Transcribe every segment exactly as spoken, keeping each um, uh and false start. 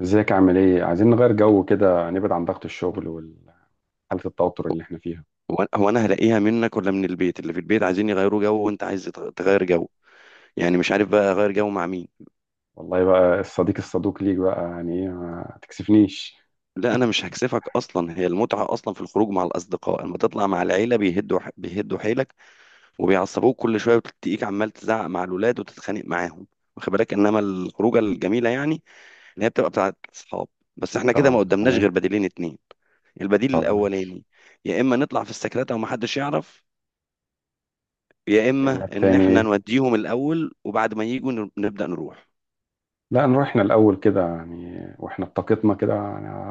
ازيك عامل ايه؟ عايزين نغير جو كده، نبعد عن ضغط الشغل وحالة التوتر اللي احنا فيها. هو هو انا هلاقيها منك ولا من البيت؟ اللي في البيت عايزين يغيروا جو، وانت عايز تغ- تغير جو. يعني مش عارف بقى اغير جو مع مين. والله بقى الصديق الصدوق ليك بقى، يعني ايه ما تكسفنيش؟ لا انا مش هكسفك، اصلا هي المتعه اصلا في الخروج مع الاصدقاء. اما تطلع مع العيله بيهدوا ح- بيهدوا حيلك، وبيعصبوك كل شويه، وتلاقيك عمال تزعق مع الولاد وتتخانق معاهم. واخد بالك؟ انما الخروجه الجميله يعني اللي هي بتبقى بتاعت اصحاب. بس احنا كده طب ما قدامناش تمام. غير بديلين اتنين. البديل طب ما الاولاني يا اما نطلع في السكرات ومحدش يعرف، يا التاني اما ان تاني احنا ايه؟ نوديهم الاول وبعد ما يجوا نر- نبدا نروح. لا، نروحنا الأول كده يعني، واحنا بطاقتنا كده،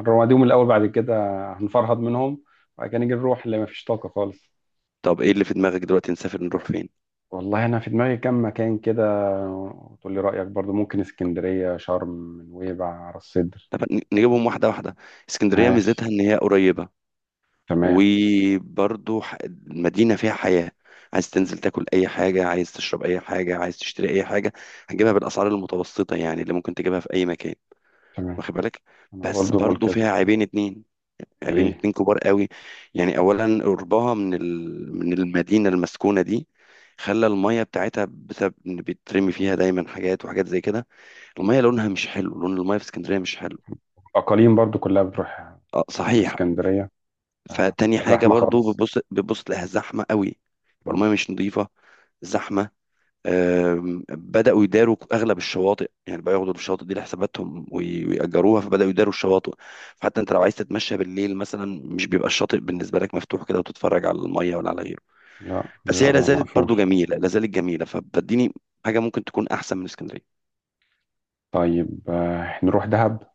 نرميهم الأول بعد كده، هنفرهد منهم، وبعد كده نيجي نروح اللي ما فيش طاقة خالص. طب ايه اللي في دماغك دلوقتي؟ نسافر نروح فين؟ والله أنا في دماغي كام مكان كده، وتقول لي رأيك برضو، ممكن اسكندرية، شرم، نويبع، راس سدر. طب ن- نجيبهم واحده واحده. اسكندريه ميزتها ماشي. ان هي قريبه، تمام. وبرضه ح- المدينه فيها حياه. عايز تنزل تاكل اي حاجه، عايز تشرب اي حاجه، عايز تشتري اي حاجه، هتجيبها بالاسعار المتوسطه يعني اللي ممكن تجيبها في اي مكان. تمام، واخد بالك؟ أنا بس برضو بقول برضه كده. فيها عيبين اتنين، عيبين ايه؟ اتنين كبار قوي. يعني اولا قربها من ال... من المدينه المسكونه دي خلى الميه بتاعتها، بسبب ان بيترمي فيها دايما حاجات وحاجات زي كده. المية لونها مش حلو، لون المية في اسكندرية مش حلو. اقاليم برضو كلها بتروح اه صحيح. اسكندريه. آه، فتاني بتبقى حاجة زحمه برضو خالص. بتبص بتبص تلاقيها زحمة قوي. يبقى مم. المية مش نظيفة، زحمة. آم، بدأوا يداروا أغلب الشواطئ، يعني بقى ياخدوا الشواطئ دي لحساباتهم وي- ويأجروها، فبدأوا يداروا الشواطئ. فحتى أنت لو عايز تتمشى بالليل مثلا، مش بيبقى الشاطئ بالنسبة لك مفتوح كده وتتفرج على المية ولا على غيره. لا، بس بيبقى هي لازالت مقفول. برضو جميلة، لازالت جميلة. فبديني حاجة ممكن تكون أحسن من اسكندرية. طيب، آه، نروح دهب.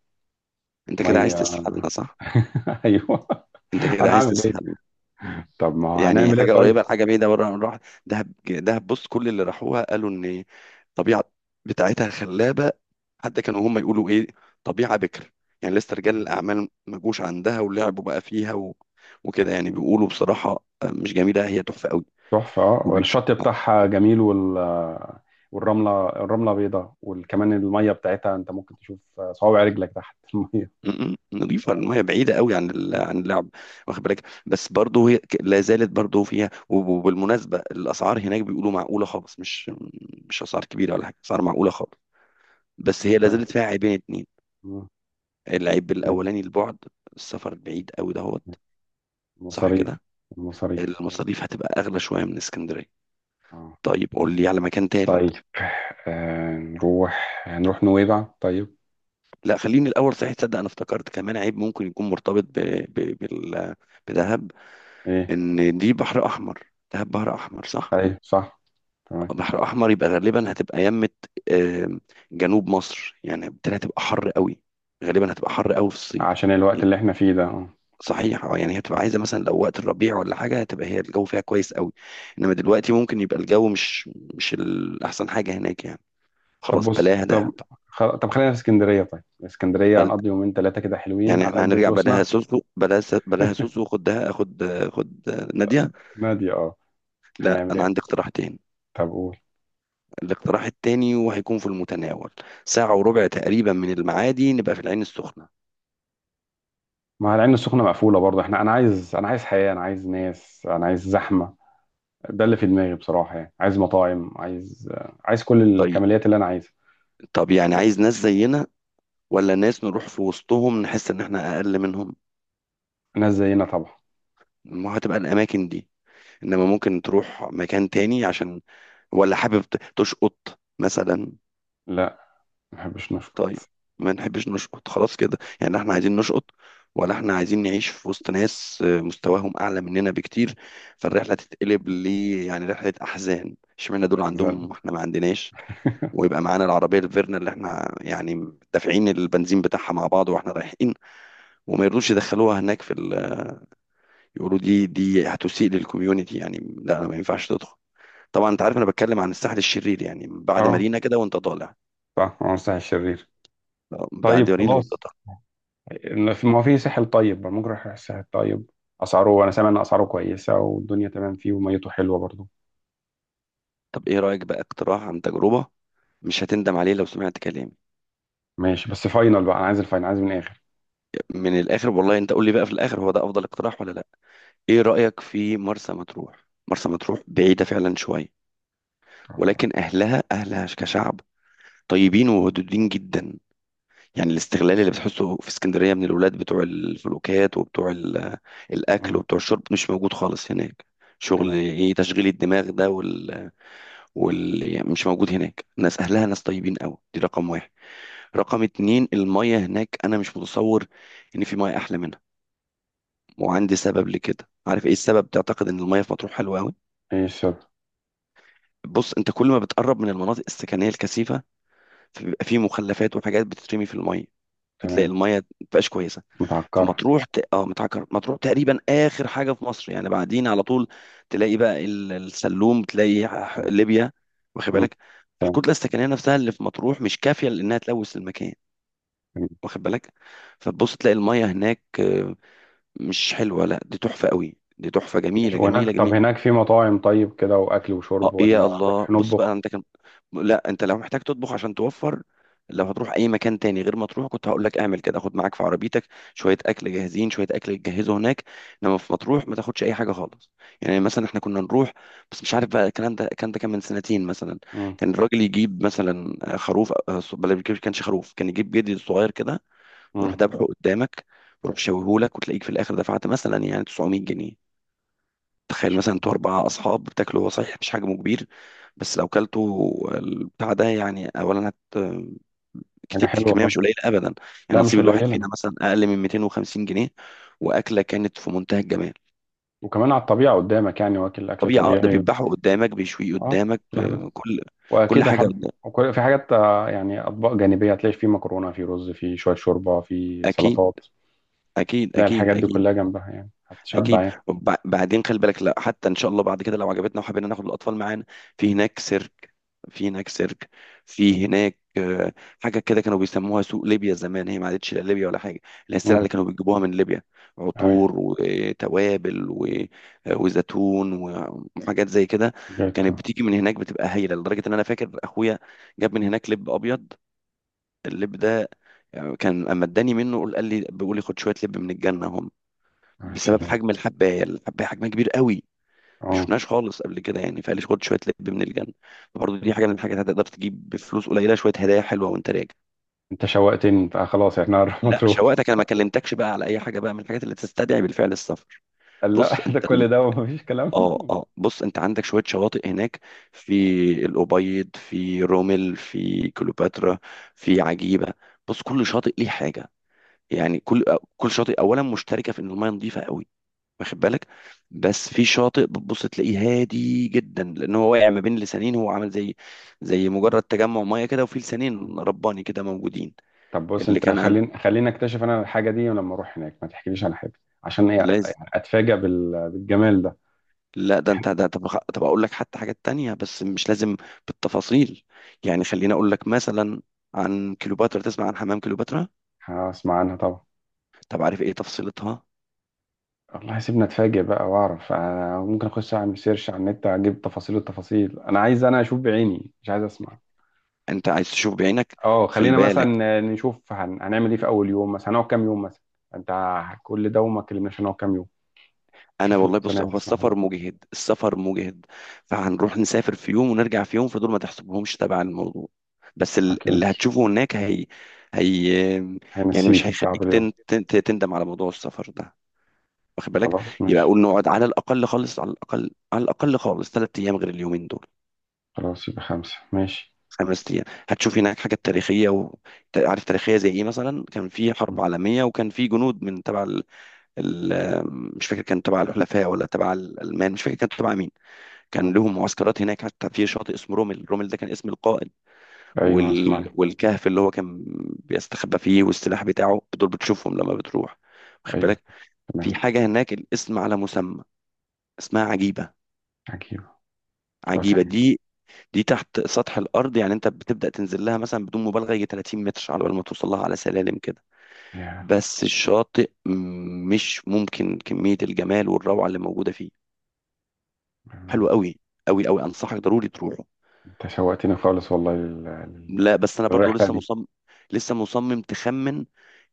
أنت كده عايز ميه. تسحلنا صح؟ ايوه. أنت كده عايز هنعمل ايه؟ تسحلنا. طب ما هو يعني هنعمل ايه حاجه طيب؟ قريبه لحاجه بعيده بره من راح. دهب دهب، بص، كل اللي راحوها قالوا ان الطبيعه بتاعتها خلابه. حتى كانوا هم يقولوا ايه؟ طبيعه بكر، يعني لسه رجال الاعمال ما جوش عندها ولعبوا بقى فيها و... وكده. يعني بيقولوا بصراحه، مش جميله، هي تحفه قوي. تحفه اه، وبي... والشط بتاعها جميل، وال آه، والرمله الرمله بيضاء، وكمان الميه بتاعتها انت ممكن تشوف آه، صوابع رجلك تحت الميه. م- م- نظيفه الميه، بعيده قوي عن ال... عن اللعب. واخد بالك؟ بس برضه هي ك- لا زالت برضه فيها، وب- وبالمناسبه الاسعار هناك بيقولوا معقوله خالص. مش مش اسعار كبيره ولا حاجه، اسعار معقوله خالص. بس هي لا مم. زالت فيها عيبين اتنين. مم. العيب إيه. الاولاني البعد، السفر بعيد قوي دهوت، صح مصاريف. كده. المصاريف. المصاريف هتبقى اغلى شويه من اسكندريه. اه. طيب قول لي على مكان تالت. طيب، آه نروح هنروح نويبع طيب. لا خليني الاول، صحيح تصدق انا افتكرت كمان عيب ممكن يكون مرتبط ب... ب... بال... بدهب. ايه؟ ان دي بحر احمر. دهب بحر احمر صح. ايوه صح. تمام. بحر احمر يبقى غالبا هتبقى يمه. آم، جنوب مصر يعني، بالتالي هتبقى حر قوي، غالبا هتبقى حر قوي في الصيف. عشان الوقت اللي احنا فيه ده، اه. صحيح اه. يعني هتبقى عايزه مثلا لو وقت الربيع ولا حاجه، هتبقى هي الجو فيها كويس قوي. انما دلوقتي ممكن يبقى الجو مش مش الاحسن حاجه هناك يعني. طب خلاص بص، بلاها طب دهب. خل... طب خلينا في اسكندرية، طيب اسكندرية فل... هنقضي يومين ثلاثة كده حلوين يعني على احنا قد هنرجع. بلاها فلوسنا. سوسو، بلاها س... بلاها سوسو. خد دهب، خد، خد ناديه. نادي اه. لا هنعمل انا ايه؟ عندي اقتراحتين. طب قول. الاقتراح التاني وهيكون في المتناول، ساعه وربع تقريبا من المعادي نبقى في العين السخنه. ما هو العين السخنة مقفولة برضه، احنا انا عايز انا عايز حياة، انا عايز ناس، انا عايز زحمة. ده اللي في دماغي بصراحة، يعني عايز مطاعم، عايز آه، عايز كل طيب. الكماليات اللي انا عايزها. طب يعني عايز ناس زينا، ولا ناس نروح في وسطهم نحس ان احنا اقل منهم؟ ناس زينا طبعا. ما هتبقى الاماكن دي. انما ممكن تروح مكان تاني، عشان ولا حابب ت- تشقط مثلا؟ لا، ما بحبش نشكر. طيب. ما نحبش نشقط خلاص كده، يعني احنا عايزين نشقط ولا احنا عايزين نعيش في وسط ناس آه، مستواهم اعلى مننا بكتير، فالرحله تتقلب ل يعني رحله احزان، اشمعنى دول هنزل. عندهم واحنا ما عندناش. ويبقى معانا العربيه الفيرنا اللي احنا يعني دافعين البنزين بتاعها مع بعض واحنا رايحين، وما يرضوش يدخلوها هناك في ال... يقولوا دي دي هتسيء للكوميونتي، يعني لا، ما ينفعش تدخل. طبعا انت عارف انا بتكلم عن الساحل الشرير، يعني بعد اه مارينا كده وانت طالع. صح، عمر الساحل الشرير. طيب بعد مارينا وانت خلاص. طالع. إن في- ما هو في ساحل، طيب ممكن اروح الساحل الطيب، اسعاره انا سامع ان اسعاره كويسه، والدنيا تمام فيه وميته حلوه برضو. طب ايه رايك بقى؟ اقتراح عن تجربه، مش هتندم عليه لو سمعت كلامي. ماشي، بس فاينل بقى، انا عايز الفاينل، عايز من الاخر. من الاخر والله. انت قول لي بقى في الاخر هو ده افضل اقتراح ولا لا. ايه رايك في مرسى مطروح؟ مرسى مطروح بعيده فعلا شويه، آه. ولكن اهلها، اهلها كشعب طيبين وودودين جدا. يعني الاستغلال اللي بتحسه في اسكندريه من الولاد بتوع الفلوكات وبتوع ال- الاكل مم. وبتوع الشرب، مش موجود خالص هناك. شغل تمام. ايه تشغيل الدماغ ده، واللي يعني مش موجود هناك. ناس اهلها ناس طيبين قوي، دي رقم واحد. رقم اتنين المية هناك، انا مش متصور ان في مية احلى منها. وعندي سبب لكده. عارف ايه السبب تعتقد ان المية في مطروح حلوه قوي؟ ايه السبب؟ بص، انت كل ما بتقرب من المناطق السكنيه الكثيفه، فبيبقى في مخلفات وحاجات بتترمي في المية، فتلاقي تمام. المية مبقاش كويسة. متعكره. فمطروح ت... اه، متعكر. مطروح تقريبا اخر حاجه في مصر، يعني بعدين على طول تلاقي بقى ال- السلوم، تلاقي ح- مم. ليبيا. واخد مم. بالك؟ تمام. الكتله السكنيه نفسها اللي في مطروح مش كافيه لانها تلوث المكان. تمام. واخد بالك؟ فتبص تلاقي الميه هناك آه، مش حلوه، لا دي تحفه قوي، دي تحفه جميله ماشي، وهناك جميله طب جميله. هناك في مطاعم طيب كده، واكل وشرب اه ولا يا الله. نروح بص بقى نطبخ؟ انت كان. لا انت لو محتاج تطبخ عشان توفر، لو هتروح اي مكان تاني غير ما تروح كنت هقول لك اعمل كده. خد معاك في عربيتك شويه اكل جاهزين، شويه اكل تجهزه هناك. انما في مطروح ما تاخدش اي حاجه خالص. يعني مثلا احنا كنا نروح، بس مش عارف بقى الكلام ده، الكلام ده كان من سنتين مثلا. مم. كان الراجل يجيب مثلا خروف، آه، بل ما كانش خروف، كان يجيب جدي صغير كده، ويروح مم. ذبحه قدامك، ويروح شويهولك، وتلاقيك في الاخر دفعت مثلا يعني تسعمية جنيه. تخيل، مش مثلا انتوا اربعه اصحاب بتاكلوا. هو صحيح مش حجمه كبير، بس لو كلتوا البتاع ده يعني اولا هت حاجه كت- حلوه كميه مش خالص. قليله ابدا. يعني لا، مش نصيب الواحد قليله. فينا مثلا اقل من ميتين وخمسين جنيه. واكله كانت في منتهى الجمال. وكمان على الطبيعه قدامك، يعني واكل اكل طبيعي اه، ده طبيعي. بيذبحه قدامك، بيشويه اه، قدامك، كل حاجه. آه، كل، كل واكيد حاجه حب، قدام. وكل- في حاجات، آه، يعني اطباق جانبيه، هتلاقي في مكرونه، في رز، في شويه شوربه، في اكيد سلطات. اكيد تلاقي اكيد الحاجات دي اكيد كلها جنبها، يعني هتشبع اكيد. يعني. وب- بعدين خلي بالك، لا حتى ان شاء الله بعد كده لو عجبتنا وحبينا ناخد الاطفال معانا، في هناك سيرك، في هناك سيرك، في هناك آه، حاجه كده كانوا بيسموها سوق ليبيا زمان. هي ما عادتش لا ليبيا ولا حاجه، اللي هي السلع امم. اللي كانوا بيجيبوها من ليبيا. ايوه. عطور وتوابل و- آه، وزيتون وحاجات زي كده. بجد. كانت بتيجي من هناك بتبقى هايله، لدرجه ان انا فاكر اخويا جاب من هناك لب ابيض. اللب ده آه، كان اما اداني منه قال لي، بيقول لي خد شويه لب من الجنه، يا بسبب سلام. حجم الحبايه. الحبايه حجمها كبير قوي، مش اه. شفناهاش خالص قبل كده يعني، فقال لي خد شويه لب من الجنه. فبرضه دي حاجه من الحاجات هتقدر تجيب بفلوس قليله شويه هدايا حلوه وانت راجع. انت شوقتني، انت آه، خلاص احنا هنروح لا مطروح. شوقتك، انا ما كلمتكش بقى على اي حاجه بقى من الحاجات اللي تستدعي بالفعل السفر. قال لا، بص ده انت ال- كل ده ومفيش كلام؟ اه اه بص انت عندك شويه شواطئ هناك، في الابيض، في رومل، في كليوباترا، في عجيبه. بص، كل شاطئ ليه حاجه. يعني كل آه، كل شاطئ اولا مشتركه في ان الميه نظيفه قوي. واخد بالك؟ بس في شاطئ بتبص تلاقيه هادي جدا، لان هو واقع ما بين لسانين، هو عامل زي زي مجرد تجمع ميه كده، وفي مم. لسانين رباني كده موجودين. طب بص اللي انت، كان عن خليني خليني اكتشف انا الحاجه دي لما اروح هناك، ما تحكيليش عن حاجه. عشان ايه؟ لازم. يعني اتفاجئ بال- بالجمال ده. لا ده انت ده. طب خ- طب اقول لك حتى حاجات تانية بس مش لازم بالتفاصيل. يعني خليني اقول لك مثلا، عن كليوباترا، تسمع عن حمام كليوباترا؟ هسمع عنها طبعا. طب عارف ايه تفصيلتها؟ والله سيبنا اتفاجئ بقى واعرف، أنا ممكن اخش اعمل سيرش على النت اجيب تفاصيل التفاصيل، انا عايز انا اشوف بعيني، مش عايز اسمع. انت عايز تشوف بعينك. اه، خلي خلينا بالك. مثلا نشوف هن... هنعمل ايه في اول يوم مثلا، هنقعد كام يوم مثلا. انت، كل ده وما كلمناش هنقعد كام يوم. انا شوف والله بص، الميزانية هو تسمح ولا السفر لا. مجهد، السفر مجهد، فهنروح نسافر في يوم ونرجع في يوم، فدول ما تحسبهمش تبع الموضوع. بس ال- اكيد. اللي هتشوفه هناك هي، هي يعني مش هينسيك التعب هيخليك اليوم. تن- تن- تندم على موضوع السفر ده. واخد بالك؟ خلاص يبقى ماشي. اقول نقعد على الاقل خالص، على الاقل، على الاقل خالص، ثلاث ايام غير اليومين دول. خلاص يبقى خمسة، ماشي. خمس ايام هتشوف هناك حاجات تاريخيه و... ت- عارف تاريخيه زي ايه مثلا؟ كان في م- حرب عالميه، وكان في جنود من تبع ال... ال... مش فاكر كان تبع الحلفاء ولا تبع الالمان، مش فاكر كان تبع مين. م. كان لهم معسكرات هناك، حتى في شاطئ اسمه رومل. رومل ده كان اسم القائد. ايوه وال... اسمعني. والكهف اللي هو كان بيستخبى فيه والسلاح بتاعه، دول بتشوفهم لما بتروح. واخد ايوه. بالك؟ في تمام. حاجة هناك الاسم على مسمى، اسمها عجيبة. عجيب. عجيبة شاطر. دي، دي تحت سطح الأرض. يعني أنت بتبدأ تنزل لها مثلا بدون مبالغة يجي 30 متر على بال ما توصل لها على سلالم كده. يا عم. بس الشاطئ م- مش ممكن كمية الجمال والروعة اللي موجودة فيه. يا. حلو قوي، قوي قوي، أنصحك ضروري تروح. انت شوقتني خالص، والله لل- لل- لا بس انا برضو للرحلة لسه دي. مصمم، لسه مصمم. تخمن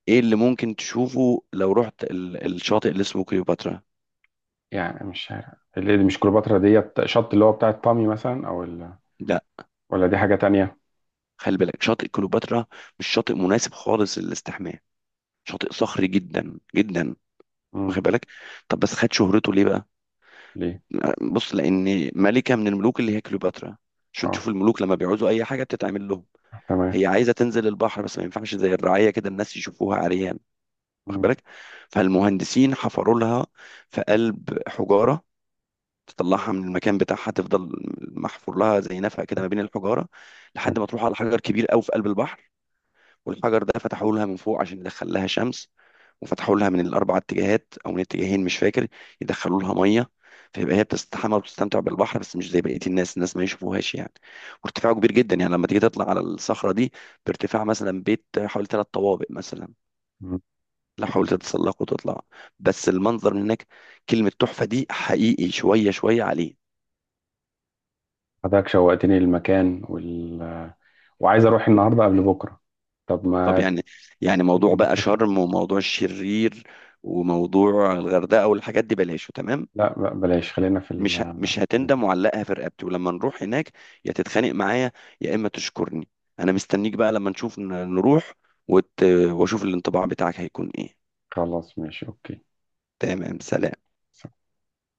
ايه اللي ممكن تشوفه لو رحت ال... الشاطئ اللي اسمه كليوباترا؟ يعني مش شارع، اللي دي مش كليوباترا، ديت شط اللي هو بتاعت بامي مثلا، او ال... لا ولا دي حاجة تانية؟ خلي بالك، شاطئ كليوباترا مش شاطئ مناسب خالص للاستحمام، شاطئ صخري جدا جدا. امم. واخد بالك؟ طب بس خد شهرته ليه بقى. ليه؟ بص، لان ملكة من الملوك اللي هي كليوباترا، عشان اه. تشوف الملوك لما بيعوزوا اي حاجة بتتعمل لهم. تمام. هي عايزة تنزل البحر، بس ما ينفعش زي الرعاية كده الناس يشوفوها عريان. واخد امم. بالك؟ فالمهندسين حفروا لها في قلب حجارة تطلعها من المكان بتاعها، تفضل محفور لها زي نفق كده ما بين الحجاره لحد ما تروح على حجر كبير قوي في قلب البحر. والحجر ده فتحوا لها من فوق عشان يدخل لها شمس، وفتحوا لها من الاربع اتجاهات او من اتجاهين مش فاكر، يدخلوا لها ميه. فيبقى هي بتستحمى وبتستمتع بالبحر، بس مش زي بقيه الناس، الناس ما يشوفوهاش يعني. وارتفاعه كبير جدا، يعني لما تيجي تطلع على الصخره دي بارتفاع مثلا بيت حوالي ثلاث طوابق مثلا، ان لو شاء الله. حاولت تتسلق وتطلع. بس المنظر من هناك كلمه تحفه دي حقيقي، شويه شويه عليه. حضرتك شوقتني للمكان وال... وعايز اروح النهارده قبل بكره. طب طب ما يعني، يعني موضوع بقى نتفق. شرم، وموضوع الشرير، وموضوع الغردقه، والحاجات دي بلاش تمام. لا، ب- بلاش، خلينا في مش ه- ال... مش هتندم، وعلقها في رقبتي، ولما نروح هناك يا تتخانق معايا، يا اما تشكرني. انا مستنيك بقى لما نشوف ن- نروح وت... واشوف الانطباع بتاعك هيكون ايه. خلاص ماشي اوكي. تمام، سلام.